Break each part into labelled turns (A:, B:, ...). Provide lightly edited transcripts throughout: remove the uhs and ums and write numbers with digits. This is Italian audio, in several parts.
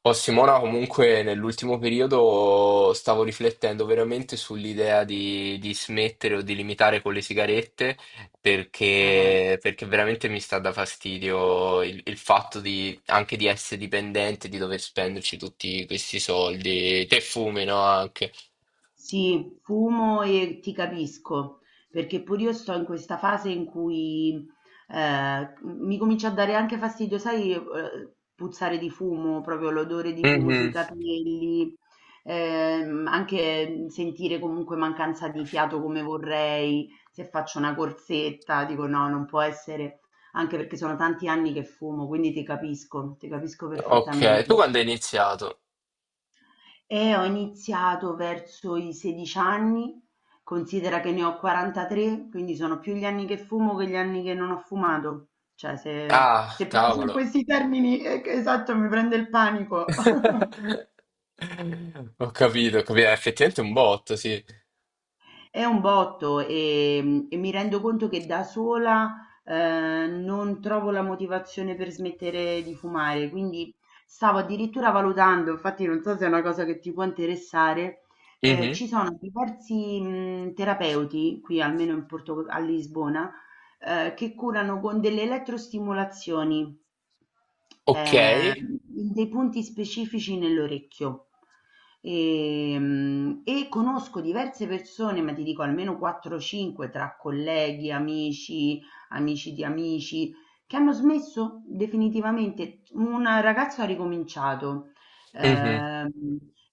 A: Oh, Simona, comunque nell'ultimo periodo stavo riflettendo veramente sull'idea di smettere o di limitare con le sigarette
B: Eh,
A: perché, perché veramente mi sta da fastidio il fatto di, anche di essere dipendente, di dover spenderci tutti questi soldi. Te fumi, no? Anche.
B: sì, fumo e ti capisco, perché pure io sto in questa fase in cui mi comincia a dare anche fastidio, sai, puzzare di fumo, proprio l'odore di fumo sui
A: Mhm.
B: capelli, anche sentire comunque mancanza di fiato come vorrei, se faccio una corsetta, dico no, non può essere, anche perché sono tanti anni che fumo, quindi ti capisco
A: Ok, tu
B: perfettamente.
A: quando hai iniziato?
B: Ho iniziato verso i 16 anni, considera che ne ho 43, quindi sono più gli anni che fumo che gli anni che non ho fumato. Cioè, se,
A: Ah,
B: se penso in
A: cavolo.
B: questi termini, esatto, mi prende il panico.
A: Ho capito, ho capito. Effettivamente è effettivamente un botto,
B: È un botto e mi rendo conto che da sola non trovo la motivazione per smettere di fumare, quindi stavo addirittura valutando, infatti non so se è una cosa che ti può interessare,
A: sì.
B: ci sono diversi terapeuti qui almeno in a Lisbona, che curano con delle elettrostimolazioni, eh,
A: Okay,
B: in dei punti specifici nell'orecchio. E conosco diverse persone, ma ti dico almeno 4-5 tra colleghi, amici, amici di amici, che hanno smesso definitivamente. Un ragazzo ha ricominciato.
A: mh-mh,
B: ehm,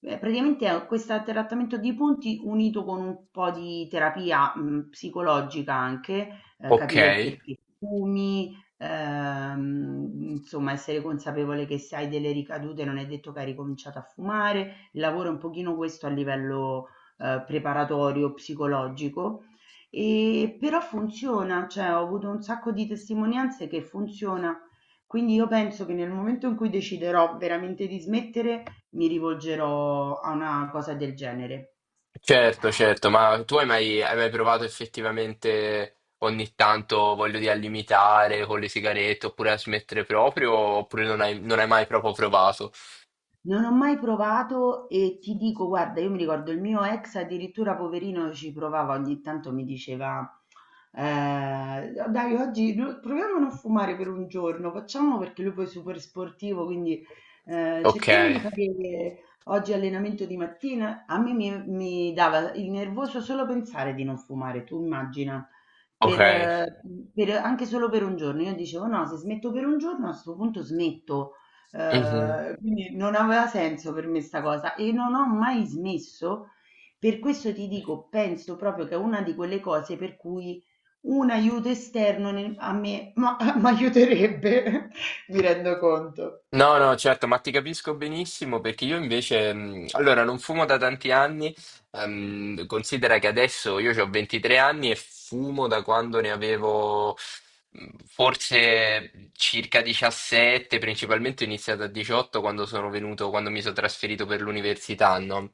B: praticamente è questo trattamento di punti unito con un po' di terapia psicologica anche, capire il
A: okay.
B: perché fumi, insomma essere consapevole che se hai delle ricadute non è detto che hai ricominciato a fumare. Il lavoro è un pochino questo a livello, preparatorio, psicologico, però funziona, cioè ho avuto un sacco di testimonianze che funziona. Quindi io penso che nel momento in cui deciderò veramente di smettere, mi rivolgerò a una cosa del genere.
A: Certo, certo, ma tu hai mai provato effettivamente ogni tanto, voglio dire, a limitare con le sigarette oppure a smettere proprio, oppure non hai mai proprio provato?
B: Non ho mai provato e ti dico, guarda, io mi ricordo il mio ex addirittura poverino ci provava, ogni tanto mi diceva, dai, oggi no- proviamo a non fumare per un giorno, facciamo perché lui poi è super sportivo, quindi cerchiamo di
A: Okay,
B: fare oggi allenamento di mattina. A me mi dava il nervoso solo pensare di non fumare, tu immagina. Per,
A: okay.
B: eh, Anche solo per un giorno, io dicevo no, se smetto per un giorno a questo punto smetto.
A: Mh-mh.
B: Quindi non aveva senso per me 'sta cosa e non ho mai smesso. Per questo ti dico, penso proprio che è una di quelle cose per cui un aiuto esterno nel a me ma m'aiuterebbe, mi rendo conto.
A: No, no, certo, ma ti capisco benissimo perché io invece, allora, non fumo da tanti anni, considera che adesso io ho 23 anni e fumo da quando ne avevo forse circa 17, principalmente ho iniziato a 18 quando sono venuto, quando mi sono trasferito per l'università, no?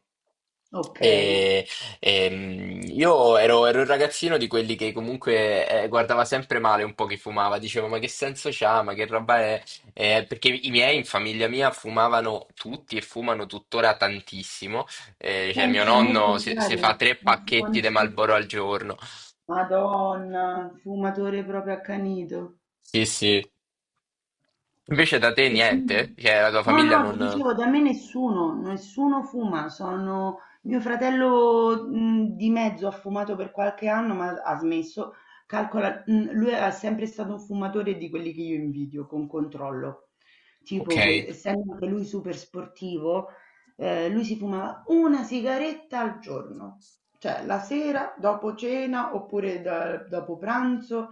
B: Okay.
A: E, io ero un ragazzino di quelli che comunque guardava sempre male un po' chi fumava, diceva ma che senso c'ha, ma che roba è? Perché i miei in famiglia mia fumavano tutti e fumano tuttora tantissimo. Cioè, mio
B: Pensa, a me il
A: nonno si
B: contrario,
A: fa tre
B: non fumo
A: pacchetti di
B: nessu
A: Marlboro al giorno.
B: Madonna, fumatore proprio accanito.
A: Sì, sì. Invece da te
B: E
A: niente?
B: quindi
A: Cioè, la tua
B: no,
A: famiglia
B: no, ti
A: non...
B: dicevo, da me nessuno, nessuno fuma, sono mio fratello di mezzo, ha fumato per qualche anno, ma ha smesso. Calcola, lui è sempre stato un fumatore di quelli che io invidio, con controllo.
A: Ok.
B: Tipo che essendo anche lui super sportivo, lui si fumava una sigaretta al giorno, cioè la sera, dopo cena oppure dopo pranzo.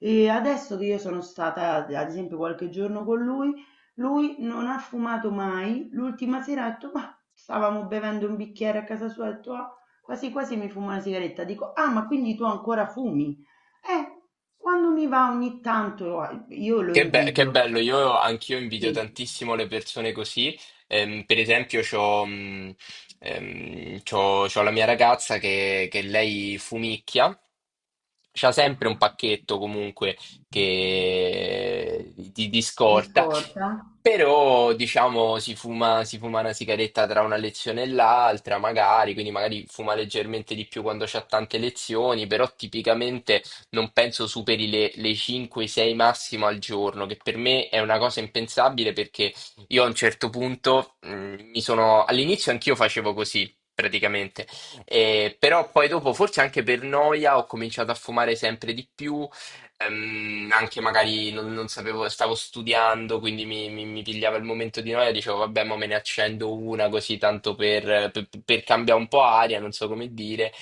B: E adesso che io sono stata, ad esempio, qualche giorno con lui, lui non ha fumato mai. L'ultima sera ha detto, ma stavamo bevendo un bicchiere a casa sua, ha detto, "Ah, quasi quasi mi fumo una sigaretta". Dico, ah, ma quindi tu ancora fumi? Eh, quando mi va ogni tanto. Ah, io lo
A: Che
B: invidio.
A: bello, io anch'io invidio
B: Sì,
A: tantissimo le persone così. Per esempio, c'ho la mia ragazza che lei fumicchia. C'ha sempre un pacchetto comunque di
B: di
A: scorta,
B: scorta?
A: però diciamo si fuma una sigaretta tra una lezione e l'altra, magari, quindi magari fuma leggermente di più quando c'ha tante lezioni, però tipicamente non penso superi le 5-6 massimo al giorno, che per me è una cosa impensabile perché io a un certo punto mi sono... All'inizio anch'io facevo così. Praticamente, eh, però poi dopo, forse anche per noia, ho cominciato a fumare sempre di più, anche magari non sapevo, stavo studiando, quindi mi pigliava il momento di noia, dicevo vabbè, ma me ne accendo una così tanto per cambiare un po' aria, non so come dire.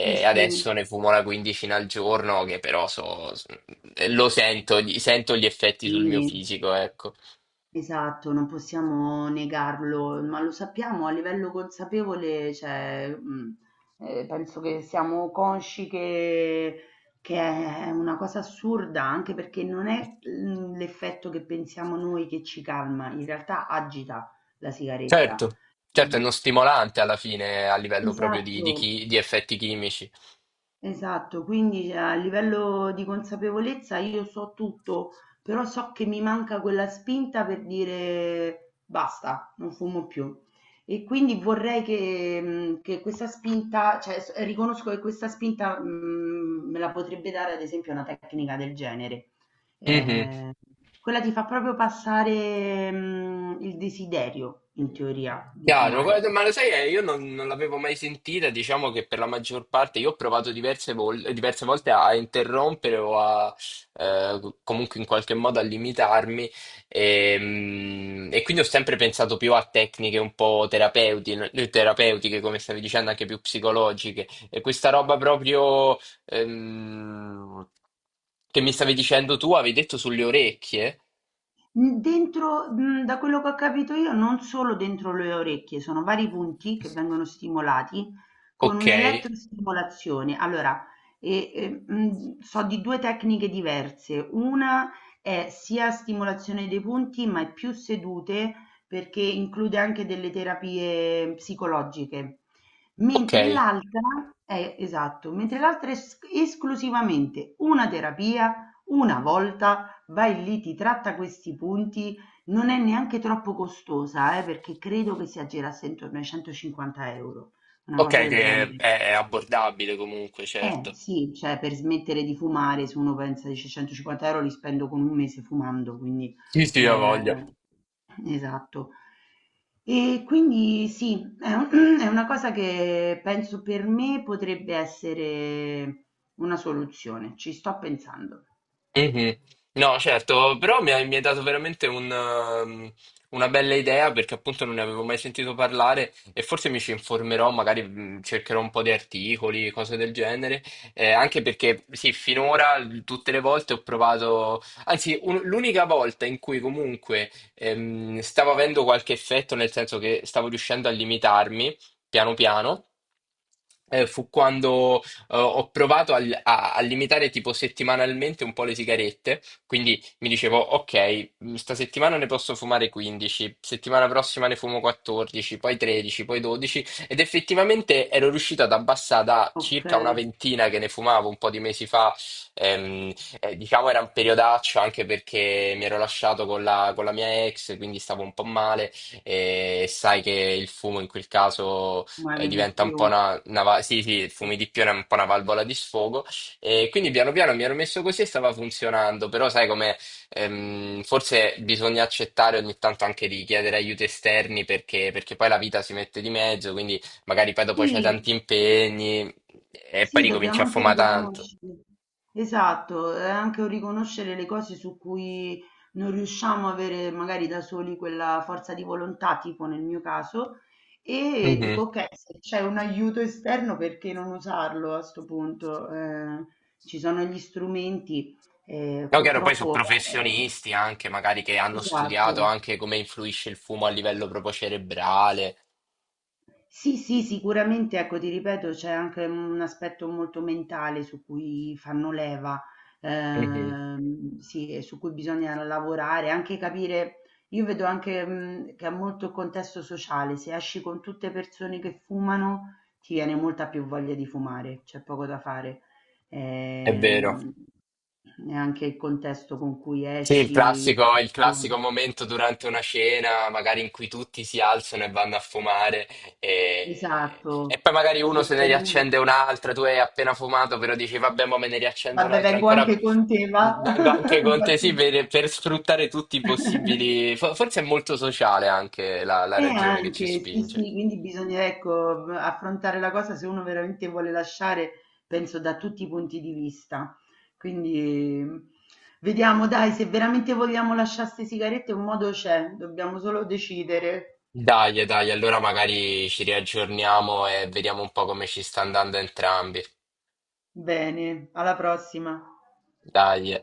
B: Sì,
A: adesso
B: sì.
A: ne fumo una quindicina al giorno, che però so, lo sento, sento gli effetti sul mio
B: Sì.
A: fisico, ecco.
B: Esatto, non possiamo negarlo, ma lo sappiamo a livello consapevole, cioè, penso che siamo consci che è una cosa assurda, anche perché non è, mhmm, l'effetto che pensiamo noi che ci calma, in realtà agita la sigaretta.
A: Certo, certo, è uno
B: Eh,
A: stimolante alla fine a livello proprio
B: Esatto.
A: di effetti chimici.
B: Esatto, quindi cioè, a livello di consapevolezza io so tutto, però so che mi manca quella spinta per dire basta, non fumo più. E quindi vorrei che questa spinta, riconosco che questa spinta, me la potrebbe dare ad esempio una tecnica del genere.
A: Mhm.
B: Eh, Quella ti fa proprio passare, il desiderio, in teoria, di
A: Chiaro,
B: fumare.
A: guarda, ma lo sai, io non, non l'avevo mai sentita, diciamo che per la maggior parte io ho provato diverse volte a interrompere o a comunque in qualche modo a limitarmi e quindi ho sempre pensato più a tecniche un po' terapeutiche, come stavi dicendo, anche più psicologiche. E questa roba proprio ehm, che mi stavi dicendo tu, avevi detto sulle orecchie?
B: Dentro, mhmm, da quello che ho capito io, non solo dentro le orecchie, sono vari punti che vengono stimolati con
A: Ok,
B: un'elettrostimolazione. Allora, so di 2 tecniche diverse. Una è sia stimolazione dei punti, ma è più sedute perché include anche delle terapie psicologiche.
A: ok.
B: Mentre l'altra Mentre l'altra è es esclusivamente una terapia, una volta vai lì, ti tratta questi punti, non è neanche troppo costosa, perché credo che si aggirasse intorno ai 150 euro, una
A: Ok,
B: cosa del genere.
A: è abbordabile comunque,
B: Eh
A: certo.
B: sì, cioè per smettere di fumare, se uno pensa dice 150 euro li spendo con un mese fumando, quindi
A: Sì, sì, ho
B: eh,
A: voglia.
B: esatto. E quindi sì, è un- è una cosa che penso per me potrebbe essere una soluzione, ci sto pensando.
A: Mhm. No, certo, però mi hai dato veramente un, una bella idea perché appunto non ne avevo mai sentito parlare e forse mi ci informerò, magari cercherò un po' di articoli, cose del genere, anche perché sì, finora tutte le volte ho provato, anzi l'unica volta in cui comunque stavo avendo qualche effetto, nel senso che stavo riuscendo a limitarmi piano piano, fu quando ho provato a limitare tipo settimanalmente un po' le sigarette, quindi mi dicevo, ok, sta settimana ne posso fumare 15, settimana prossima ne fumo 14, poi 13, poi 12, ed effettivamente ero riuscito ad abbassare da
B: Ok.
A: circa una ventina che ne fumavo un po' di mesi fa, ehm, diciamo era un periodaccio anche perché mi ero lasciato con con la mia ex, quindi stavo un po' male e sai che il fumo in quel caso
B: Muovi di
A: diventa un
B: più.
A: po' una sì, sì, il fumo di pione è un po' una valvola di sfogo. E quindi piano piano mi ero messo così e stava funzionando, però sai come forse bisogna accettare ogni tanto anche di chiedere aiuti esterni perché, perché poi la vita si mette di mezzo, quindi magari poi dopo c'hai
B: Sì,
A: tanti impegni e poi
B: sì,
A: ricominci
B: dobbiamo
A: a
B: anche
A: fumare tanto.
B: riconoscere. Esatto, è anche un riconoscere le cose su cui non riusciamo a avere magari da soli quella forza di volontà, tipo nel mio caso, e
A: Mhm.
B: dico ok, se c'è un aiuto esterno, perché non usarlo a sto punto? Ci sono gli strumenti,
A: No, chiaro, poi sono
B: purtroppo,
A: professionisti anche, magari che hanno studiato
B: esatto.
A: anche come influisce il fumo a livello proprio cerebrale.
B: Sì, sì, sicuramente, ecco, ti ripeto, c'è anche un aspetto molto mentale su cui fanno leva,
A: Mhm.
B: sì, e su cui bisogna lavorare, anche capire, io vedo anche, che ha molto il contesto sociale, se esci con tutte persone che fumano, ti viene molta più voglia di fumare, c'è poco da fare.
A: È vero.
B: Ehm, E anche il contesto con cui
A: Sì,
B: esci, le
A: il classico
B: persone.
A: momento durante una cena, magari in cui tutti si alzano e vanno a fumare e
B: Esatto,
A: poi magari uno
B: se
A: se ne
B: sei lui.
A: riaccende un'altra, tu hai appena fumato, però dici vabbè, ma me ne riaccendo
B: Vabbè
A: un'altra
B: vengo
A: ancora.
B: anche con te va,
A: Vengo anche
B: mi
A: con te,
B: faccio
A: sì,
B: gi
A: per sfruttare tutti i possibili. Forse è molto sociale anche la ragione che ci
B: Anche, sì,
A: spinge.
B: sì, quindi bisogna ecco, affrontare la cosa se uno veramente vuole lasciare, penso da tutti i punti di vista. Quindi vediamo dai, se veramente vogliamo lasciare 'ste sigarette un modo c'è, dobbiamo solo decidere.
A: Dai, dai, allora magari ci riaggiorniamo e vediamo un po' come ci sta andando entrambi.
B: Bene, alla prossima.
A: Dai.